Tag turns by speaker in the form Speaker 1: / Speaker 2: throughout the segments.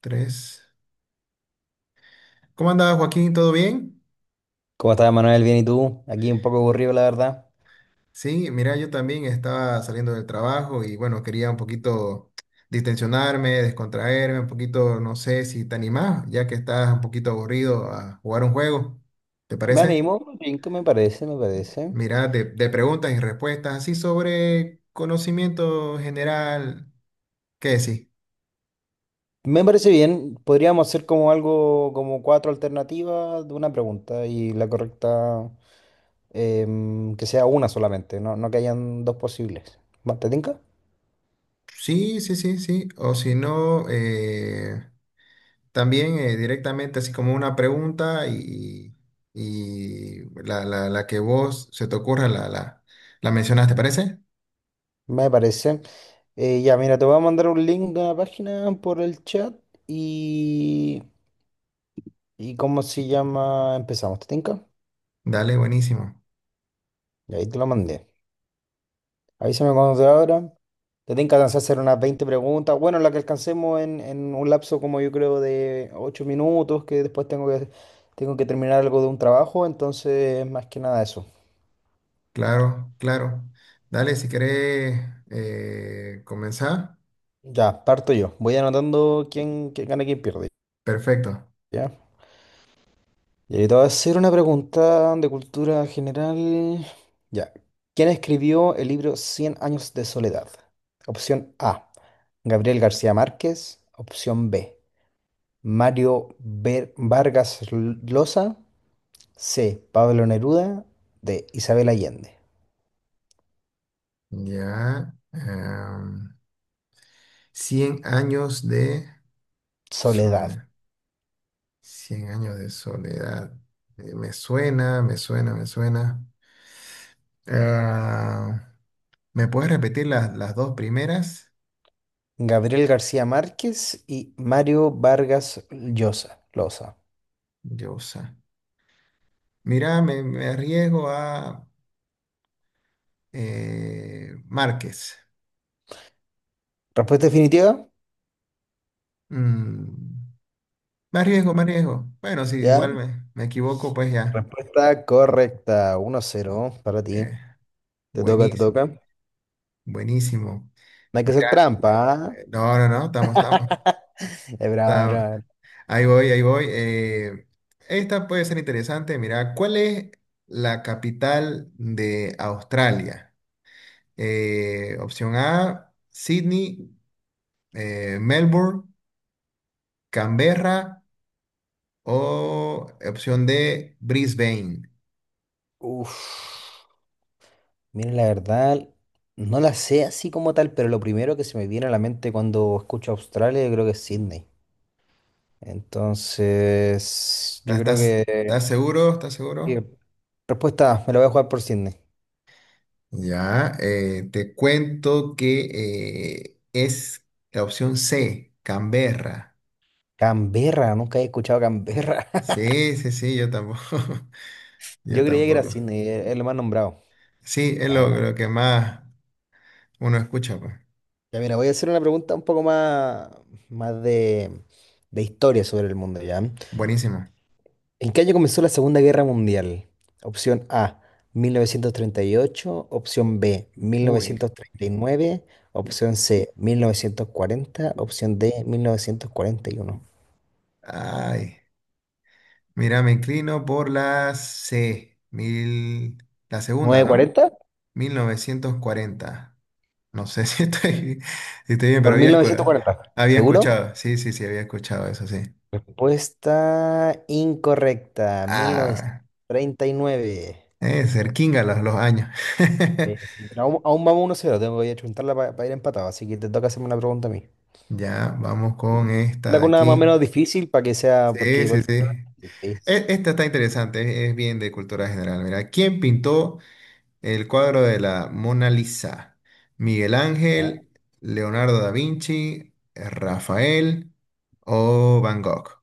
Speaker 1: Tres. ¿Cómo andaba Joaquín? ¿Todo bien?
Speaker 2: ¿Cómo estás, Manuel? Bien, ¿y tú? Aquí un poco aburrido, la verdad.
Speaker 1: Sí, mira, yo también estaba saliendo del trabajo y bueno, quería un poquito distensionarme, descontraerme, un poquito, no sé si te animás, ya que estás un poquito aburrido a jugar un juego. ¿Te
Speaker 2: Me
Speaker 1: parece?
Speaker 2: animo, cinco, me parece, me parece.
Speaker 1: Mira, de preguntas y respuestas, así sobre conocimiento general. ¿Qué decís?
Speaker 2: Me parece bien. Podríamos hacer como algo, como cuatro alternativas de una pregunta y la correcta que sea una solamente, no que hayan dos posibles. ¿Va? ¿Te tinca?
Speaker 1: Sí, sí, sí, sí. O si no, también directamente, así como una pregunta y, la que vos se te ocurra la mencionas, ¿te parece?
Speaker 2: Me parece. Ya, mira, te voy a mandar un link de una página por el chat y... ¿Y cómo se llama? Empezamos, ¿te tinca?
Speaker 1: Dale, buenísimo.
Speaker 2: Y ahí te lo mandé. Avísame cuando te abra. Te tienen que alcanzar a hacer unas 20 preguntas. Bueno, la que alcancemos en un lapso como yo creo de 8 minutos, que después tengo que terminar algo de un trabajo, entonces más que nada eso.
Speaker 1: Claro, claro. Dale, si querés comenzar.
Speaker 2: Ya, parto yo. Voy anotando quién gana y quién pierde.
Speaker 1: Perfecto.
Speaker 2: ¿Ya? Y ahí te voy a hacer una pregunta de cultura general. Ya. ¿Quién escribió el libro Cien años de soledad? Opción A, Gabriel García Márquez. Opción B, Vargas Llosa. C. Pablo Neruda. D. Isabel Allende.
Speaker 1: Ya. Cien años de
Speaker 2: Soledad.
Speaker 1: soledad. Cien años de soledad. Me suena, me suena, me suena. Ah, ¿me puedes repetir las dos primeras?
Speaker 2: Gabriel García Márquez y Mario Vargas Llosa. Loza.
Speaker 1: Llosa. Mira, me arriesgo a Márquez.
Speaker 2: ¿Respuesta definitiva?
Speaker 1: Mm, Me arriesgo, me arriesgo. Bueno, si
Speaker 2: Ya.
Speaker 1: igual me equivoco, pues ya.
Speaker 2: Respuesta correcta. Uno cero para ti.
Speaker 1: Eh,
Speaker 2: Te
Speaker 1: Buenísimo,
Speaker 2: toca. No
Speaker 1: buenísimo.
Speaker 2: hay que hacer
Speaker 1: Mira,
Speaker 2: trampa. ¿Ah?
Speaker 1: no, no, no, estamos, estamos.
Speaker 2: Ya, brava,
Speaker 1: Estamos.
Speaker 2: brava.
Speaker 1: Ahí voy, ahí voy. Esta puede ser interesante. Mira, ¿cuál es la capital de Australia? Opción A, Sydney, Melbourne, Canberra. O opción D, Brisbane.
Speaker 2: Uf. Mira, la verdad, no la sé así como tal, pero lo primero que se me viene a la mente cuando escucho Australia, yo creo que es Sydney. Entonces, yo
Speaker 1: ¿Estás,
Speaker 2: creo
Speaker 1: estás seguro? ¿Estás
Speaker 2: que
Speaker 1: seguro?
Speaker 2: Respuesta, me la voy a jugar por Sydney.
Speaker 1: Ya, te cuento que es la opción C, Canberra.
Speaker 2: Canberra, nunca he escuchado Canberra.
Speaker 1: Sí, sí, sí, yo tampoco. Yo
Speaker 2: Yo creía que era
Speaker 1: tampoco.
Speaker 2: Sydney, es lo más nombrado.
Speaker 1: Sí, es
Speaker 2: Ya,
Speaker 1: lo
Speaker 2: ya.
Speaker 1: que más uno escucha, pues.
Speaker 2: Ya, mira, voy a hacer una pregunta un poco más, más de, de historia sobre el mundo, ¿ya? ¿En
Speaker 1: Buenísimo.
Speaker 2: qué año comenzó la Segunda Guerra Mundial? Opción A, 1938. Opción B, mil
Speaker 1: Uy,
Speaker 2: novecientos treinta y nueve. Opción C, 1940. Opción D,
Speaker 1: ay. Mira, me inclino por la C, mil, la segunda, ¿no?
Speaker 2: 1941. ¿940?
Speaker 1: 1940. No sé si estoy, si estoy bien,
Speaker 2: Por
Speaker 1: pero
Speaker 2: mil
Speaker 1: había,
Speaker 2: novecientos cuarenta.
Speaker 1: había
Speaker 2: ¿Seguro?
Speaker 1: escuchado. Sí, sí, sí, había escuchado eso, sí.
Speaker 2: Respuesta incorrecta,
Speaker 1: Ah,
Speaker 2: 1939.
Speaker 1: cerquinga los años.
Speaker 2: Sí, pero aún vamos uno cero, tengo que chuntarla para ir empatado, así que te toca hacerme una pregunta a mí.
Speaker 1: Ya, vamos con esta
Speaker 2: Anda
Speaker 1: de
Speaker 2: con una más o
Speaker 1: aquí.
Speaker 2: menos difícil para que sea, porque
Speaker 1: Sí, sí,
Speaker 2: igual...
Speaker 1: sí.
Speaker 2: Difícil,
Speaker 1: Esta está interesante, es bien de cultura general. Mira, ¿quién pintó el cuadro de la Mona Lisa? ¿Miguel
Speaker 2: ¿ah?
Speaker 1: Ángel, Leonardo da Vinci, Rafael o Van Gogh?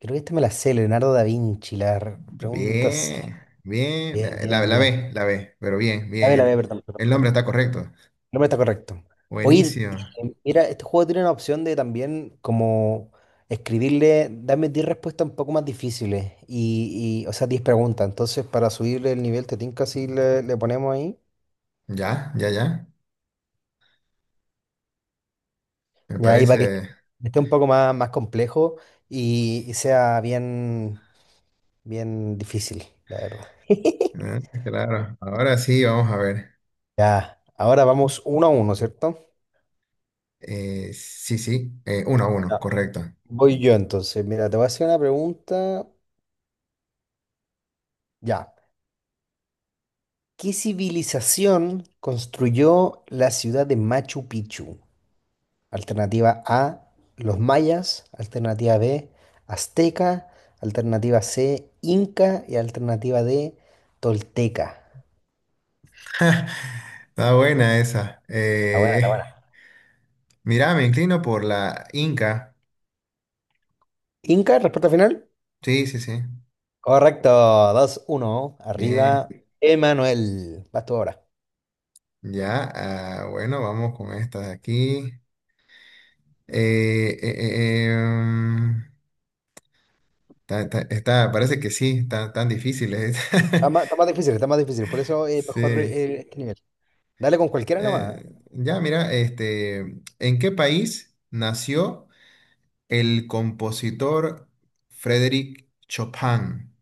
Speaker 2: Creo que esta me la sé, Leonardo da Vinci, pregunta C.
Speaker 1: Bien, bien.
Speaker 2: Bien,
Speaker 1: La,
Speaker 2: bien,
Speaker 1: la
Speaker 2: bien.
Speaker 1: B, la B, pero bien,
Speaker 2: A
Speaker 1: bien.
Speaker 2: ver, a ver, perdón, perdón,
Speaker 1: El
Speaker 2: perdón.
Speaker 1: nombre está correcto.
Speaker 2: No me está correcto. Oye,
Speaker 1: Buenísimo.
Speaker 2: mira, este juego tiene una opción de también como escribirle, dame 10 respuestas un poco más difíciles o sea, 10 preguntas. Entonces, para subirle el nivel, te tinca así le ponemos ahí.
Speaker 1: Ya, ya, ya. Me
Speaker 2: Ya ahí para que
Speaker 1: parece.
Speaker 2: esté un poco más, más complejo y sea bien, bien difícil, la verdad.
Speaker 1: Ah, claro. Ahora sí, vamos a ver.
Speaker 2: Ya, ahora vamos uno a uno, ¿cierto?
Speaker 1: Sí, sí. Uno a uno,
Speaker 2: Ya.
Speaker 1: correcto.
Speaker 2: Voy yo entonces. Mira, te voy a hacer una pregunta. Ya. ¿Qué civilización construyó la ciudad de Machu Picchu? Alternativa A, los mayas. Alternativa B, azteca. Alternativa C, inca. Y alternativa D, tolteca.
Speaker 1: Está buena esa.
Speaker 2: La buena, la buena.
Speaker 1: Mira, me inclino por la Inca.
Speaker 2: Inca, respuesta final.
Speaker 1: Sí, sí, sí.
Speaker 2: Correcto, dos, uno. Arriba,
Speaker 1: Bien.
Speaker 2: Emanuel. Vas tú ahora.
Speaker 1: Ya. Ah, bueno, vamos con esta de aquí. Eh, eh, eh, em, Está, está- parece que sí, está- tan difíciles.
Speaker 2: Está más difícil, está más difícil. Por eso es mejor
Speaker 1: Sí.
Speaker 2: este nivel. Dale con cualquiera nomás. ¿Eh?
Speaker 1: Ya, mira, este, ¿en qué país nació el compositor Frédéric Chopin?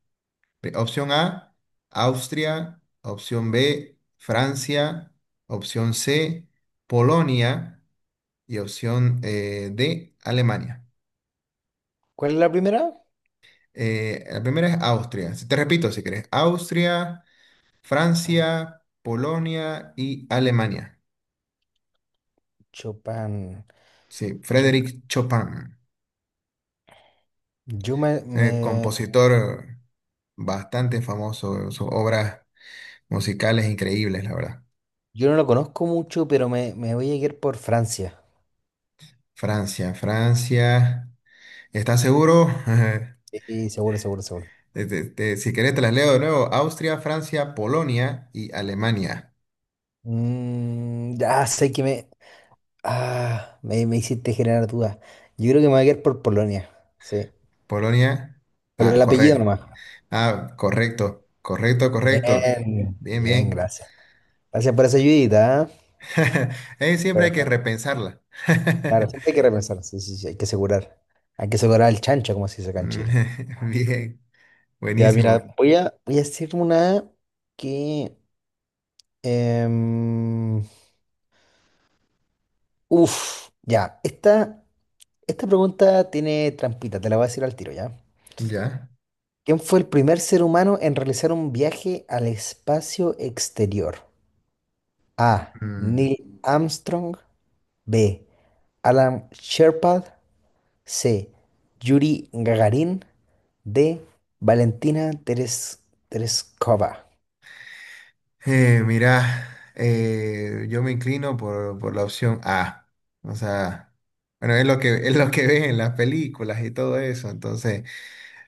Speaker 1: Opción A, Austria. Opción B, Francia. Opción C, Polonia. Y opción D, Alemania.
Speaker 2: ¿Cuál es la primera?
Speaker 1: La primera es Austria. Te repito si querés. Austria. Francia, Polonia y Alemania.
Speaker 2: Chopin.
Speaker 1: Sí,
Speaker 2: Yo,
Speaker 1: Frédéric Chopin,
Speaker 2: yo me, me
Speaker 1: compositor bastante famoso, sus obras musicales increíbles, la verdad.
Speaker 2: Yo no lo conozco mucho, pero me voy a ir por Francia.
Speaker 1: Francia, Francia. ¿Estás seguro?
Speaker 2: Sí, seguro, seguro, seguro.
Speaker 1: Si querés te las leo de nuevo. Austria, Francia, Polonia y Alemania.
Speaker 2: Mm, ya sé que me, me hiciste generar dudas. Yo creo que me voy a ir por Polonia. Sí.
Speaker 1: Polonia,
Speaker 2: Por
Speaker 1: ah,
Speaker 2: el apellido
Speaker 1: correcto.
Speaker 2: nomás.
Speaker 1: Ah, correcto, correcto, correcto.
Speaker 2: Bien,
Speaker 1: Bien,
Speaker 2: bien,
Speaker 1: bien.
Speaker 2: gracias. Gracias por esa ayudita, ¿ah?
Speaker 1: Siempre hay
Speaker 2: Pero,
Speaker 1: que repensarla.
Speaker 2: claro, siempre hay que repensar. Sí, sí, sí, hay que asegurar. Hay que asegurar el chancho, como se dice acá en Chile.
Speaker 1: Bien,
Speaker 2: Ya,
Speaker 1: buenísimo.
Speaker 2: mira, voy a hacer una que. em, Uf, ya. Esta. Esta pregunta tiene trampita, te la voy a decir al tiro ya.
Speaker 1: Ya.
Speaker 2: ¿Quién fue el primer ser humano en realizar un viaje al espacio exterior? A.
Speaker 1: Mm.
Speaker 2: Neil Armstrong. B. Alan Shepard. C. Yuri Gagarin. D. Valentina Teres- Tereskova.
Speaker 1: Mira, yo me inclino por la opción A. O sea, bueno, es lo que, es lo que ven en las películas y todo eso. Entonces,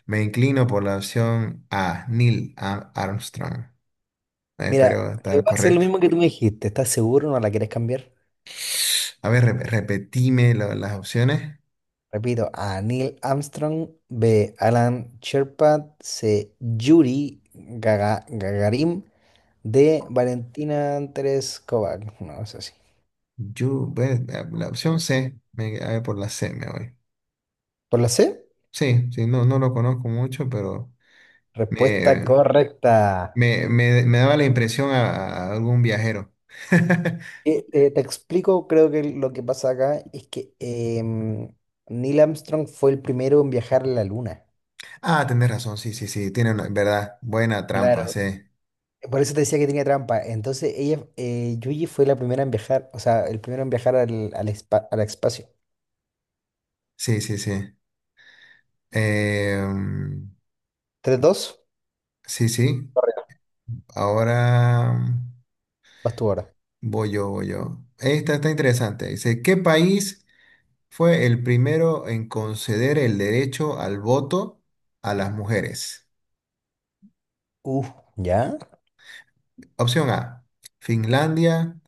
Speaker 1: me inclino por la opción A, Neil Armstrong.
Speaker 2: Mira,
Speaker 1: Espero estar
Speaker 2: va a ser lo
Speaker 1: correcto.
Speaker 2: mismo que tú me dijiste. ¿Estás seguro? ¿No la quieres cambiar?
Speaker 1: A ver, repetime las opciones.
Speaker 2: Repito, A. Neil Armstrong. B. Alan Shepard. C. Gagarin. De Valentina Andrés Kovac. No, es así.
Speaker 1: Yo, bueno, la opción C, me, a ver, por la C me voy.
Speaker 2: ¿Por la C?
Speaker 1: Sí, sí, no, no lo conozco mucho, pero
Speaker 2: Respuesta
Speaker 1: me,
Speaker 2: correcta.
Speaker 1: me, me daba la impresión a algún viajero.
Speaker 2: Te explico, creo que lo que pasa acá es que em, Neil Armstrong fue el primero en viajar a la luna.
Speaker 1: Ah, tenés razón, sí, sí, sí, tiene una, verdad, buena trampa,
Speaker 2: Claro.
Speaker 1: sí,
Speaker 2: Por eso te decía que tenía trampa. Entonces, ella, Yuji fue la primera en viajar, o sea, el primero en viajar al espacio.
Speaker 1: sí, sí, sí. Em,
Speaker 2: 3-2,
Speaker 1: sí, sí, ahora
Speaker 2: vas tú ahora.
Speaker 1: voy yo, voy yo. Esta está interesante. Dice, ¿qué país fue el primero en conceder el derecho al voto a las mujeres?
Speaker 2: Uh, ¿Ya?
Speaker 1: Opción A, Finlandia.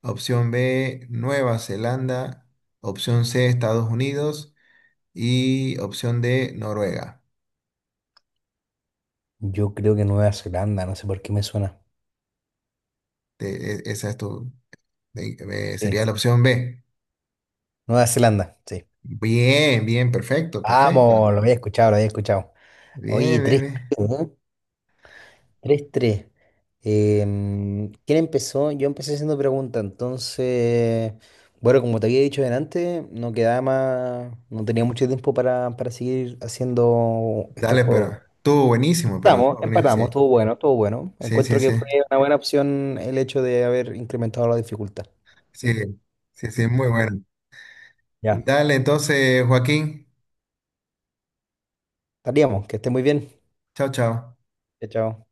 Speaker 1: Opción B, Nueva Zelanda. Opción C, Estados Unidos. Y opción D, Noruega.
Speaker 2: Yo creo que Nueva Zelanda, no sé por qué me suena.
Speaker 1: Esa es tu, de-
Speaker 2: Sí,
Speaker 1: sería la
Speaker 2: sí.
Speaker 1: opción B.
Speaker 2: Nueva Zelanda, sí.
Speaker 1: Bien, bien, perfecto, perfecta.
Speaker 2: Vamos, lo había escuchado, lo había escuchado. Oye,
Speaker 1: Bien, bien,
Speaker 2: tres,
Speaker 1: bien.
Speaker 2: ¿eh? Tres, tres. 3. ¿Quién empezó? Yo empecé haciendo preguntas, entonces, bueno, como te había dicho delante, no quedaba más, no tenía mucho tiempo para seguir haciendo este
Speaker 1: Dale,
Speaker 2: juego.
Speaker 1: pero estuvo
Speaker 2: Empatamos,
Speaker 1: buenísimo,
Speaker 2: empatamos,
Speaker 1: sí.
Speaker 2: estuvo bueno, estuvo bueno.
Speaker 1: Sí, sí,
Speaker 2: Encuentro
Speaker 1: sí.
Speaker 2: que fue una buena opción el hecho de haber incrementado la dificultad.
Speaker 1: Sí, sí, sí, muy bueno.
Speaker 2: Ya.
Speaker 1: Dale, entonces, Joaquín.
Speaker 2: Estaríamos, que esté muy bien.
Speaker 1: Chao, chao.
Speaker 2: Chao, chao.